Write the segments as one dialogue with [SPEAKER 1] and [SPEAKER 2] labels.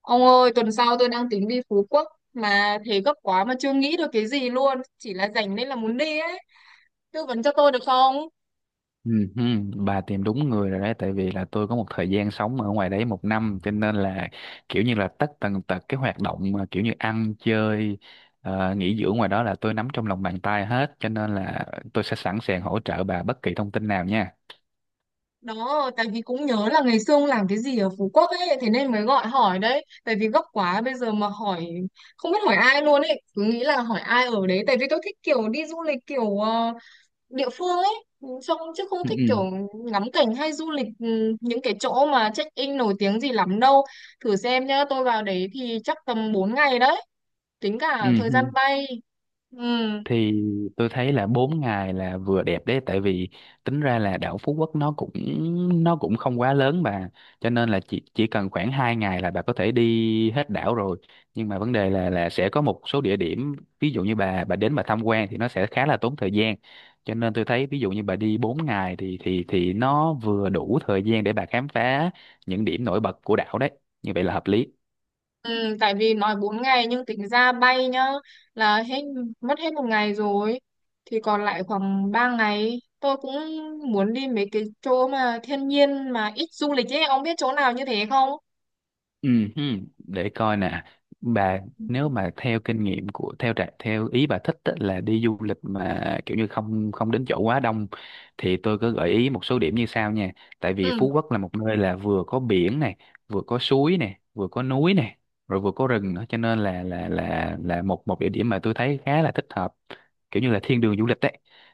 [SPEAKER 1] Ông ơi, tuần sau tôi đang tính đi Phú Quốc mà thế gấp quá mà chưa nghĩ được cái gì luôn, chỉ là rảnh nên là muốn đi ấy. Tư vấn cho tôi được không?
[SPEAKER 2] Ừ, ừ, bà tìm đúng người rồi đấy tại vì là tôi có một thời gian sống ở ngoài đấy một năm cho nên là kiểu như là tất tần tật cái hoạt động mà kiểu như ăn chơi, nghỉ dưỡng ngoài đó là tôi nắm trong lòng bàn tay hết cho nên là tôi sẽ sẵn sàng hỗ trợ bà bất kỳ thông tin nào nha.
[SPEAKER 1] Đó, tại vì cũng nhớ là ngày xưa ông làm cái gì ở Phú Quốc ấy, thế nên mới gọi hỏi đấy. Tại vì gấp quá bây giờ mà hỏi không biết hỏi ai luôn ấy, cứ nghĩ là hỏi ai ở đấy tại vì tôi thích kiểu đi du lịch kiểu địa phương ấy. Ừ, xong chứ không
[SPEAKER 2] Ừ,
[SPEAKER 1] thích kiểu
[SPEAKER 2] ừ,
[SPEAKER 1] ngắm cảnh hay du lịch những cái chỗ mà check-in nổi tiếng gì lắm đâu. Thử xem nhá, tôi vào đấy thì chắc tầm 4 ngày đấy, tính cả
[SPEAKER 2] ừ.
[SPEAKER 1] thời gian
[SPEAKER 2] Ừ.
[SPEAKER 1] bay. Ừ,
[SPEAKER 2] Thì tôi thấy là 4 ngày là vừa đẹp đấy, tại vì tính ra là đảo Phú Quốc nó cũng không quá lớn bà, cho nên là chỉ cần khoảng 2 ngày là bà có thể đi hết đảo rồi, nhưng mà vấn đề là sẽ có một số địa điểm ví dụ như bà đến bà tham quan thì nó sẽ khá là tốn thời gian, cho nên tôi thấy ví dụ như bà đi 4 ngày thì nó vừa đủ thời gian để bà khám phá những điểm nổi bật của đảo đấy, như vậy là hợp lý.
[SPEAKER 1] ừ, tại vì nói 4 ngày nhưng tính ra bay nhá là hết, mất hết một ngày rồi, thì còn lại khoảng 3 ngày tôi cũng muốn đi mấy cái chỗ mà thiên nhiên mà ít du lịch ấy, ông biết chỗ nào như thế không?
[SPEAKER 2] Ừ, hừ, để coi nè bà, nếu mà theo kinh nghiệm theo ý bà thích á, là đi du lịch mà kiểu như không không đến chỗ quá đông thì tôi có gợi ý một số điểm như sau nha. Tại vì
[SPEAKER 1] Ừ,
[SPEAKER 2] Phú Quốc là một nơi là vừa có biển này, vừa có suối này, vừa có núi này, rồi vừa có rừng nữa, cho nên là một một địa điểm mà tôi thấy khá là thích hợp, kiểu như là thiên đường du lịch đấy.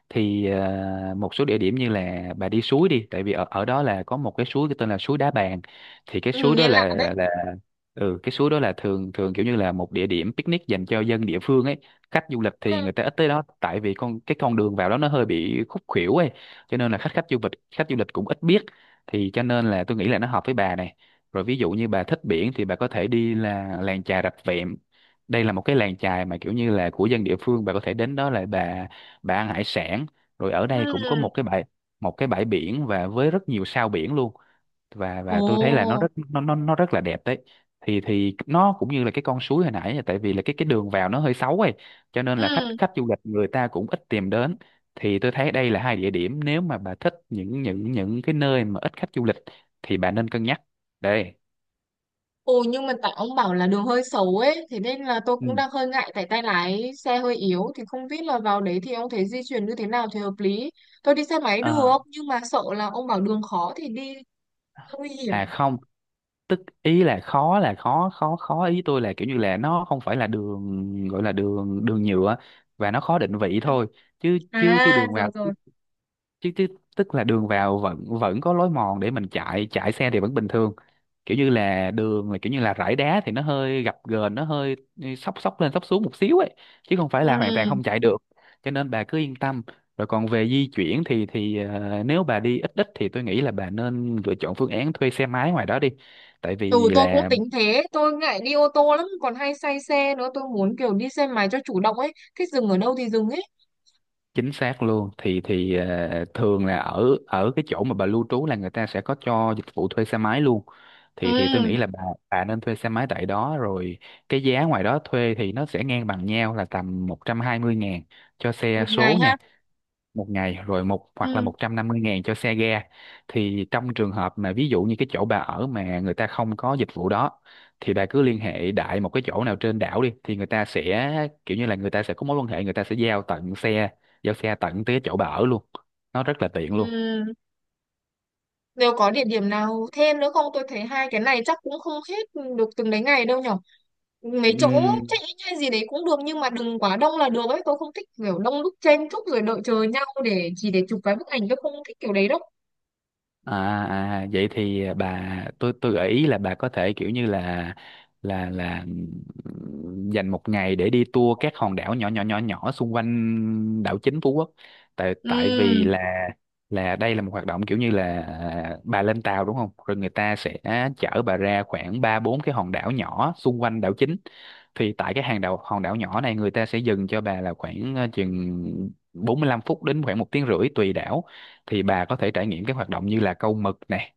[SPEAKER 2] Thì một số địa điểm như là bà đi suối đi, tại vì ở ở đó là có một cái suối tên là suối Đá Bàn. Thì cái
[SPEAKER 1] ừ
[SPEAKER 2] suối
[SPEAKER 1] nghe
[SPEAKER 2] đó
[SPEAKER 1] lạ đấy.
[SPEAKER 2] là là ừ cái suối đó là thường thường kiểu như là một địa điểm picnic dành cho dân địa phương ấy, khách du lịch thì
[SPEAKER 1] Ừ.
[SPEAKER 2] người ta ít tới đó tại vì con đường vào đó nó hơi bị khúc khuỷu ấy, cho nên là khách khách du lịch cũng ít biết. Thì cho nên là tôi nghĩ là nó hợp với bà này. Rồi ví dụ như bà thích biển thì bà có thể đi là làng chài Rạch Vẹm, đây là một cái làng chài mà kiểu như là của dân địa phương, bà có thể đến đó là bà ăn hải sản. Rồi ở đây cũng có
[SPEAKER 1] Ừ.
[SPEAKER 2] một cái bãi biển và với rất nhiều sao biển luôn. Và
[SPEAKER 1] Ồ.
[SPEAKER 2] tôi thấy là nó rất là đẹp đấy. Thì nó cũng như là cái con suối hồi nãy, là tại vì là cái đường vào nó hơi xấu ấy, cho nên là khách
[SPEAKER 1] Ừ.
[SPEAKER 2] khách du lịch người ta cũng ít tìm đến. Thì tôi thấy đây là hai địa điểm, nếu mà bà thích những cái nơi mà ít khách du lịch thì bà nên cân nhắc đây.
[SPEAKER 1] Ồ, nhưng mà tại ông bảo là đường hơi xấu ấy, thế nên là tôi cũng
[SPEAKER 2] Ừ.
[SPEAKER 1] đang hơi ngại. Tại tay lái xe hơi yếu, thì không biết là vào đấy thì ông thấy di chuyển như thế nào thì hợp lý. Tôi đi xe máy
[SPEAKER 2] à,
[SPEAKER 1] được, nhưng mà sợ là ông bảo đường khó thì đi nguy hiểm.
[SPEAKER 2] không, tức ý là khó, là khó khó khó ý tôi là kiểu như là nó không phải là đường gọi là đường đường nhựa và nó khó định vị
[SPEAKER 1] Ừ.
[SPEAKER 2] thôi, chứ chứ chứ
[SPEAKER 1] À
[SPEAKER 2] đường vào
[SPEAKER 1] rồi rồi.
[SPEAKER 2] chứ, chứ tức là đường vào vẫn vẫn có lối mòn để mình chạy chạy xe thì vẫn bình thường, kiểu như là đường là kiểu như là rải đá thì nó hơi gập ghềnh, nó hơi xóc xóc lên xóc xuống một xíu ấy, chứ không phải
[SPEAKER 1] Ừ.
[SPEAKER 2] là hoàn toàn không chạy được, cho nên bà cứ yên tâm. Rồi còn về di chuyển thì nếu bà đi ít ít thì tôi nghĩ là bà nên lựa chọn phương án thuê xe máy ngoài đó đi, tại
[SPEAKER 1] Ừ,
[SPEAKER 2] vì
[SPEAKER 1] tôi cũng
[SPEAKER 2] là
[SPEAKER 1] tính thế. Tôi ngại đi ô tô lắm, còn hay say xe nữa. Tôi muốn kiểu đi xe máy cho chủ động ấy, thích dừng ở đâu thì dừng ấy.
[SPEAKER 2] chính xác luôn. Thường là ở ở cái chỗ mà bà lưu trú là người ta sẽ có cho dịch vụ thuê xe máy luôn, thì tôi
[SPEAKER 1] Ừ.
[SPEAKER 2] nghĩ là bà nên thuê xe máy tại đó rồi. Cái giá ngoài đó thuê thì nó sẽ ngang bằng nhau là tầm 120.000 cho
[SPEAKER 1] Một
[SPEAKER 2] xe
[SPEAKER 1] ngày
[SPEAKER 2] số
[SPEAKER 1] ha?
[SPEAKER 2] nha, một ngày, rồi một, hoặc là
[SPEAKER 1] Ừ.
[SPEAKER 2] 150.000 cho xe ga. Thì trong trường hợp mà ví dụ như cái chỗ bà ở mà người ta không có dịch vụ đó thì bà cứ liên hệ đại một cái chỗ nào trên đảo đi, thì người ta sẽ kiểu như là người ta sẽ có mối quan hệ, người ta sẽ giao tận xe, giao xe tận tới cái chỗ bà ở luôn, nó rất là tiện luôn.
[SPEAKER 1] Ừ. Nếu có địa điểm nào thêm nữa không? Tôi thấy hai cái này chắc cũng không hết được từng đấy ngày đâu nhở. Mấy chỗ
[SPEAKER 2] Ừm.
[SPEAKER 1] check-in hay gì đấy cũng được nhưng mà đừng quá đông là được ấy. Tôi không thích kiểu đông đúc chen chúc rồi đợi chờ nhau để chỉ để chụp cái bức ảnh. Tôi không thích kiểu đấy đâu.
[SPEAKER 2] À, à vậy thì bà, tôi gợi ý là bà có thể kiểu như là là là dành một ngày để đi tour các hòn đảo nhỏ nhỏ nhỏ nhỏ xung quanh đảo chính Phú Quốc. Tại tại vì
[SPEAKER 1] Ừm,
[SPEAKER 2] là đây là một hoạt động, kiểu như là bà lên tàu đúng không, rồi người ta sẽ chở bà ra khoảng ba bốn cái hòn đảo nhỏ xung quanh đảo chính. Thì tại cái hàng đảo hòn đảo nhỏ này người ta sẽ dừng cho bà là khoảng, chừng 45 phút đến khoảng một tiếng rưỡi tùy đảo. Thì bà có thể trải nghiệm các hoạt động như là câu mực này,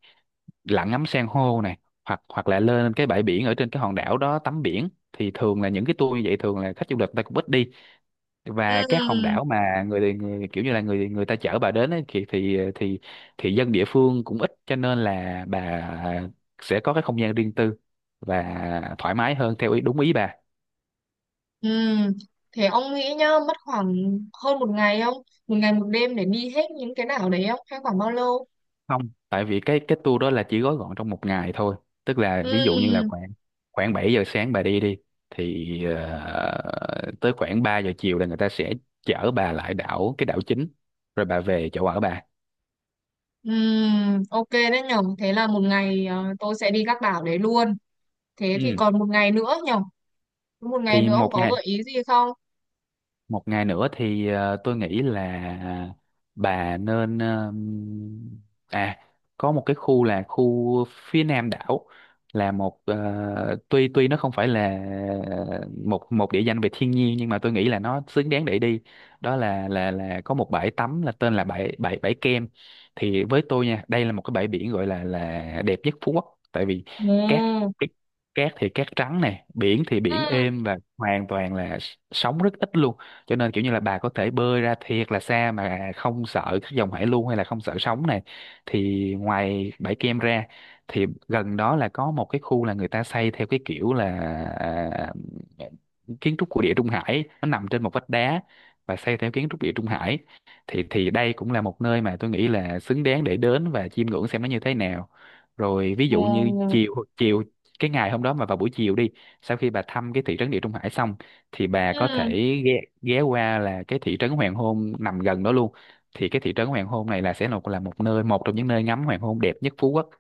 [SPEAKER 2] lặn ngắm san hô này, hoặc hoặc là lên cái bãi biển ở trên cái hòn đảo đó tắm biển. Thì thường là những cái tour như vậy thường là khách du lịch người ta cũng ít đi, và các hòn
[SPEAKER 1] ừm,
[SPEAKER 2] đảo mà người, người kiểu như là người người ta chở bà đến ấy, thì dân địa phương cũng ít, cho nên là bà sẽ có cái không gian riêng tư và thoải mái hơn theo ý, đúng ý bà.
[SPEAKER 1] ừm. Thế ông nghĩ nhá, mất khoảng hơn một ngày không? Một ngày một đêm để đi hết những cái đảo đấy không? Hay khoảng bao lâu?
[SPEAKER 2] Không, tại vì cái tour đó là chỉ gói gọn trong một ngày thôi, tức là ví dụ như là
[SPEAKER 1] Ừm,
[SPEAKER 2] khoảng khoảng 7 giờ sáng bà đi đi thì tới khoảng 3 giờ chiều là người ta sẽ chở bà lại cái đảo chính rồi bà về chỗ ở bà.
[SPEAKER 1] ok đấy nhở. Thế là một ngày, tôi sẽ đi các đảo đấy luôn. Thế thì
[SPEAKER 2] Ừ.
[SPEAKER 1] còn một ngày nữa nhở? Một ngày
[SPEAKER 2] Thì
[SPEAKER 1] nữa ông
[SPEAKER 2] một
[SPEAKER 1] có
[SPEAKER 2] ngày,
[SPEAKER 1] gợi ý gì không?
[SPEAKER 2] nữa thì tôi nghĩ là à, bà nên, à có một cái khu là phía nam đảo, là một, tuy tuy nó không phải là một một địa danh về thiên nhiên nhưng mà tôi nghĩ là nó xứng đáng để đi. Đó là có một bãi tắm là tên là bãi bãi bãi Kem. Thì với tôi nha, đây là một cái bãi biển gọi là đẹp nhất Phú Quốc, tại vì cát,
[SPEAKER 1] Ừ.
[SPEAKER 2] thì cát trắng này, biển thì biển
[SPEAKER 1] Ừ.
[SPEAKER 2] êm và hoàn toàn là sóng rất ít luôn, cho nên kiểu như là bà có thể bơi ra thiệt là xa mà không sợ các dòng hải lưu hay là không sợ sóng này. Thì ngoài bãi Kem ra thì gần đó là có một cái khu là người ta xây theo cái kiểu là, à, kiến trúc của Địa Trung Hải, nó nằm trên một vách đá và xây theo kiến trúc Địa Trung Hải. Thì đây cũng là một nơi mà tôi nghĩ là xứng đáng để đến và chiêm ngưỡng xem nó như thế nào. Rồi ví dụ như
[SPEAKER 1] Ừ.
[SPEAKER 2] chiều chiều cái ngày hôm đó mà vào buổi chiều đi, sau khi bà thăm cái thị trấn Địa Trung Hải xong thì bà có thể
[SPEAKER 1] Ừ.
[SPEAKER 2] ghé qua là cái thị trấn hoàng hôn nằm gần đó luôn. Thì cái thị trấn hoàng hôn này là một trong những nơi ngắm hoàng hôn đẹp nhất Phú Quốc,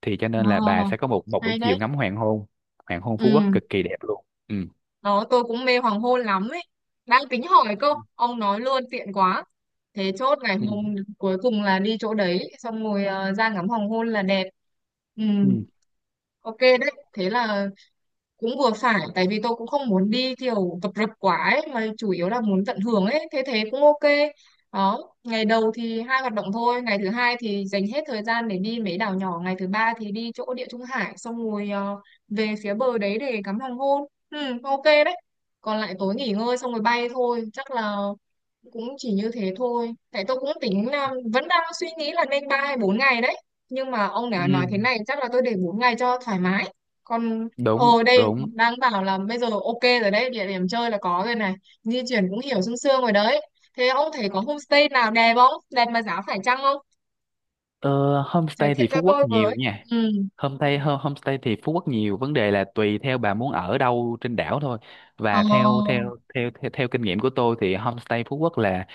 [SPEAKER 2] thì cho nên là bà
[SPEAKER 1] Ờ,
[SPEAKER 2] sẽ có một, một buổi
[SPEAKER 1] hay
[SPEAKER 2] chiều
[SPEAKER 1] đấy.
[SPEAKER 2] ngắm hoàng hôn. Hoàng hôn Phú Quốc
[SPEAKER 1] Ừ,
[SPEAKER 2] cực kỳ đẹp luôn. Ừ.
[SPEAKER 1] nó tôi cũng mê hoàng hôn lắm ấy, đang tính hỏi cơ, ông nói luôn tiện quá. Thế chốt ngày
[SPEAKER 2] Ừ.
[SPEAKER 1] hôm cuối cùng là đi chỗ đấy xong rồi, ra ngắm hoàng hôn là đẹp. Ừ.
[SPEAKER 2] Ừ.
[SPEAKER 1] Ok đấy. Thế là cũng vừa phải, tại vì tôi cũng không muốn đi kiểu tập rập quá ấy, mà chủ yếu là muốn tận hưởng ấy, thế thế cũng ok. Đó, ngày đầu thì hai hoạt động thôi, ngày thứ hai thì dành hết thời gian để đi mấy đảo nhỏ, ngày thứ ba thì đi chỗ Địa Trung Hải xong rồi, về phía bờ đấy để ngắm hoàng hôn. Ừ, ok đấy. Còn lại tối nghỉ ngơi xong rồi bay thôi, chắc là cũng chỉ như thế thôi, tại tôi cũng tính là vẫn đang suy nghĩ là nên ba hay bốn ngày đấy, nhưng mà ông đã
[SPEAKER 2] Ừ.
[SPEAKER 1] nói thế này chắc là tôi để bốn ngày cho thoải mái. Còn...
[SPEAKER 2] Đúng,
[SPEAKER 1] Ồ đây,
[SPEAKER 2] đúng.
[SPEAKER 1] đang bảo là bây giờ ok rồi đấy, địa điểm chơi là có rồi này, di chuyển cũng hiểu sương sương rồi đấy. Thế ông thấy có homestay nào đẹp không, đẹp mà giá phải chăng không?
[SPEAKER 2] Ờ,
[SPEAKER 1] Giới
[SPEAKER 2] Homestay
[SPEAKER 1] thiệu
[SPEAKER 2] thì
[SPEAKER 1] cho
[SPEAKER 2] Phú Quốc
[SPEAKER 1] tôi
[SPEAKER 2] nhiều
[SPEAKER 1] với.
[SPEAKER 2] nha.
[SPEAKER 1] Ừ.
[SPEAKER 2] Homestay thì Phú Quốc nhiều, vấn đề là tùy theo bà muốn ở đâu trên đảo thôi. Và theo
[SPEAKER 1] Ờ.
[SPEAKER 2] theo theo theo, theo kinh nghiệm của tôi thì homestay Phú Quốc là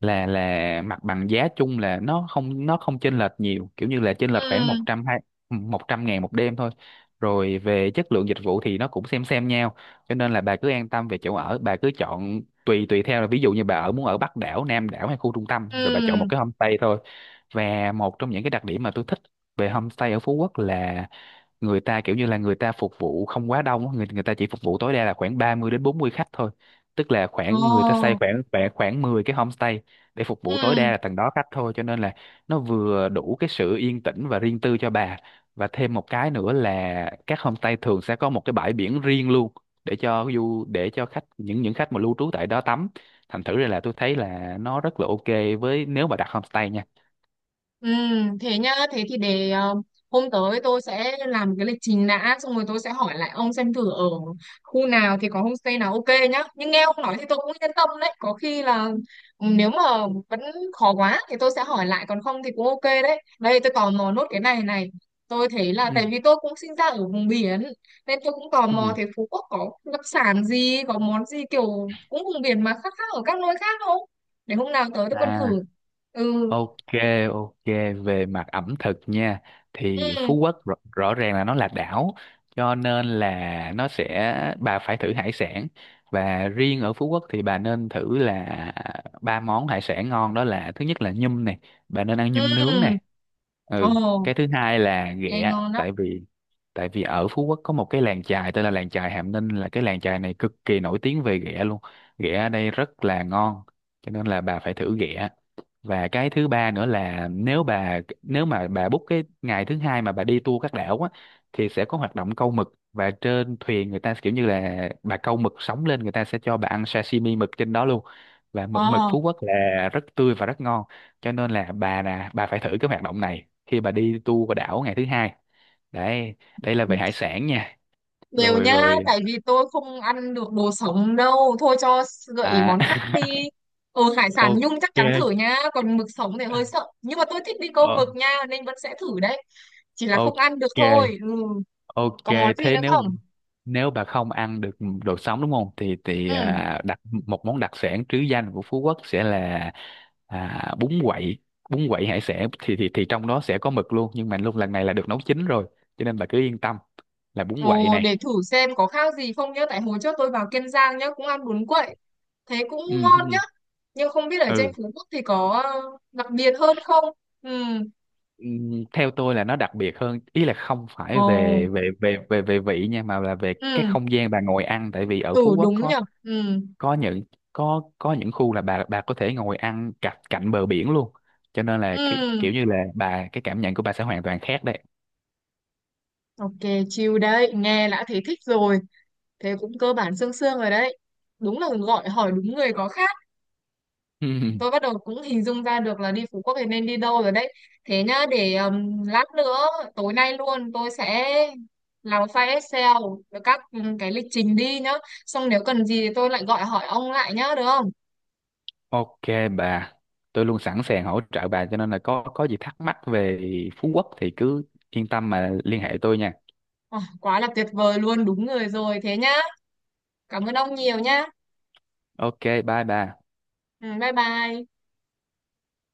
[SPEAKER 2] mặt bằng giá chung là nó không chênh lệch nhiều, kiểu như là chênh lệch khoảng
[SPEAKER 1] Ừ.
[SPEAKER 2] 100, hai, 100 ngàn một đêm thôi. Rồi về chất lượng dịch vụ thì nó cũng xem nhau, cho nên là bà cứ an tâm về chỗ ở, bà cứ chọn tùy tùy theo là ví dụ như bà ở, muốn ở Bắc đảo, Nam đảo hay khu trung tâm, rồi bà chọn một
[SPEAKER 1] Ừ.
[SPEAKER 2] cái homestay thôi. Và một trong những cái đặc điểm mà tôi thích về homestay ở Phú Quốc là người ta kiểu như là người ta phục vụ không quá đông á, người người ta chỉ phục vụ tối đa là khoảng 30 đến 40 khách thôi, tức là khoảng người ta xây
[SPEAKER 1] Ờ.
[SPEAKER 2] khoảng khoảng khoảng 10 cái homestay để phục vụ tối
[SPEAKER 1] Ừ.
[SPEAKER 2] đa là tầng đó khách thôi, cho nên là nó vừa đủ cái sự yên tĩnh và riêng tư cho bà. Và thêm một cái nữa là các homestay thường sẽ có một cái bãi biển riêng luôn, để cho để cho khách, những khách mà lưu trú tại đó tắm. Thành thử ra là tôi thấy là nó rất là ok với, nếu mà đặt homestay nha.
[SPEAKER 1] Ừ, thế nhá, thế thì để hôm tới tôi sẽ làm cái lịch trình đã, xong rồi tôi sẽ hỏi lại ông xem thử ở khu nào thì có homestay nào ok nhá. Nhưng nghe ông nói thì tôi cũng yên tâm đấy, có khi là nếu mà vẫn khó quá thì tôi sẽ hỏi lại, còn không thì cũng ok đấy. Đây, tôi tò mò nốt cái này này. Tôi thấy là tại
[SPEAKER 2] Ừ.
[SPEAKER 1] vì tôi cũng sinh ra ở vùng biển nên tôi cũng tò mò
[SPEAKER 2] Ừ.
[SPEAKER 1] thế Phú Quốc có đặc sản gì, có món gì kiểu cũng vùng biển mà khác khác ở các nơi khác không? Để hôm nào tới tôi còn thử.
[SPEAKER 2] À,
[SPEAKER 1] Ừ.
[SPEAKER 2] ok, ok, về mặt ẩm thực nha, thì
[SPEAKER 1] Ừ.
[SPEAKER 2] Phú Quốc rõ ràng là nó là đảo cho nên là nó sẽ, bà phải thử hải sản, và riêng ở Phú Quốc thì bà nên thử là ba món hải sản ngon, đó là thứ nhất là nhum này, bà nên ăn nhum nướng
[SPEAKER 1] Ừ,
[SPEAKER 2] này.
[SPEAKER 1] ồ,
[SPEAKER 2] Ừ, cái thứ hai là
[SPEAKER 1] nghe
[SPEAKER 2] ghẹ,
[SPEAKER 1] ngon đó.
[SPEAKER 2] tại vì ở Phú Quốc có một cái làng chài tên là làng chài Hàm Ninh, là cái làng chài này cực kỳ nổi tiếng về ghẹ luôn. Ghẹ ở đây rất là ngon cho nên là bà phải thử ghẹ. Và cái thứ ba nữa là, nếu nếu mà bà book cái ngày thứ hai mà bà đi tour các đảo á, thì sẽ có hoạt động câu mực và trên thuyền người ta kiểu như là bà câu mực sống lên, người ta sẽ cho bà ăn sashimi mực trên đó luôn, và mực,
[SPEAKER 1] Ồ,
[SPEAKER 2] Phú Quốc là rất tươi và rất ngon, cho nên là bà nè, bà phải thử cái hoạt động này khi bà đi tour qua đảo ngày thứ hai đấy, đây là về hải sản nha.
[SPEAKER 1] đều
[SPEAKER 2] Rồi
[SPEAKER 1] nhá,
[SPEAKER 2] rồi,
[SPEAKER 1] tại vì tôi không ăn được đồ sống đâu. Thôi cho gợi ý món khác
[SPEAKER 2] à
[SPEAKER 1] đi. Ừ, hải sản nhung
[SPEAKER 2] ok.
[SPEAKER 1] chắc chắn thử nhá, còn mực sống thì hơi sợ. Nhưng mà tôi thích đi câu mực
[SPEAKER 2] Ờ,
[SPEAKER 1] nha, nên vẫn sẽ thử đấy. Chỉ là không
[SPEAKER 2] ok.
[SPEAKER 1] ăn được thôi. Ừ,
[SPEAKER 2] Ok,
[SPEAKER 1] có món gì
[SPEAKER 2] thế
[SPEAKER 1] nữa
[SPEAKER 2] nếu,
[SPEAKER 1] không?
[SPEAKER 2] bà không ăn được đồ sống đúng không? Thì
[SPEAKER 1] Ừ,
[SPEAKER 2] à, đặc một món đặc sản trứ danh của Phú Quốc sẽ là, à, bún quậy, bún quậy hải sản, thì trong đó sẽ có mực luôn, nhưng mà luôn lần này là được nấu chín rồi, cho nên bà cứ yên tâm là bún quậy
[SPEAKER 1] ồ,
[SPEAKER 2] này.
[SPEAKER 1] để thử xem có khác gì không nhá. Tại hồi trước tôi vào Kiên Giang nhá, cũng ăn bún quậy. Thế cũng
[SPEAKER 2] Ừ,
[SPEAKER 1] ngon nhá.
[SPEAKER 2] ừ,
[SPEAKER 1] Nhưng không biết ở trên
[SPEAKER 2] ừ.
[SPEAKER 1] Phú Quốc thì có đặc biệt hơn không? Ừ.
[SPEAKER 2] Ừ, theo tôi là nó đặc biệt hơn, ý là không phải
[SPEAKER 1] Ồ.
[SPEAKER 2] về về về về về vị nha, mà là về cái
[SPEAKER 1] Ừ.
[SPEAKER 2] không gian bà ngồi ăn, tại vì ở Phú
[SPEAKER 1] Ừ
[SPEAKER 2] Quốc
[SPEAKER 1] đúng
[SPEAKER 2] có
[SPEAKER 1] nhở. Ừ.
[SPEAKER 2] có những có những khu là bà có thể ngồi ăn cạnh cạnh bờ biển luôn, cho nên là cái
[SPEAKER 1] Ừ.
[SPEAKER 2] kiểu như là cái cảm nhận của bà sẽ hoàn toàn khác đấy.
[SPEAKER 1] Ok, chill đấy, nghe đã thấy thích rồi. Thế cũng cơ bản sương sương rồi đấy, đúng là gọi hỏi đúng người có khác.
[SPEAKER 2] Ừm,
[SPEAKER 1] Tôi bắt đầu cũng hình dung ra được là đi Phú Quốc thì nên đi đâu rồi đấy. Thế nhá, để lát nữa tối nay luôn tôi sẽ làm file Excel với các cái lịch trình đi nhá, xong nếu cần gì thì tôi lại gọi hỏi ông lại nhá, được không?
[SPEAKER 2] ok bà, tôi luôn sẵn sàng hỗ trợ bà cho nên là có gì thắc mắc về Phú Quốc thì cứ yên tâm mà liên hệ tôi nha.
[SPEAKER 1] Ờ, quá là tuyệt vời luôn, đúng người rồi, thế nhá. Cảm ơn ông nhiều nhá.
[SPEAKER 2] Ok, bye bà.
[SPEAKER 1] Ừ, bye bye.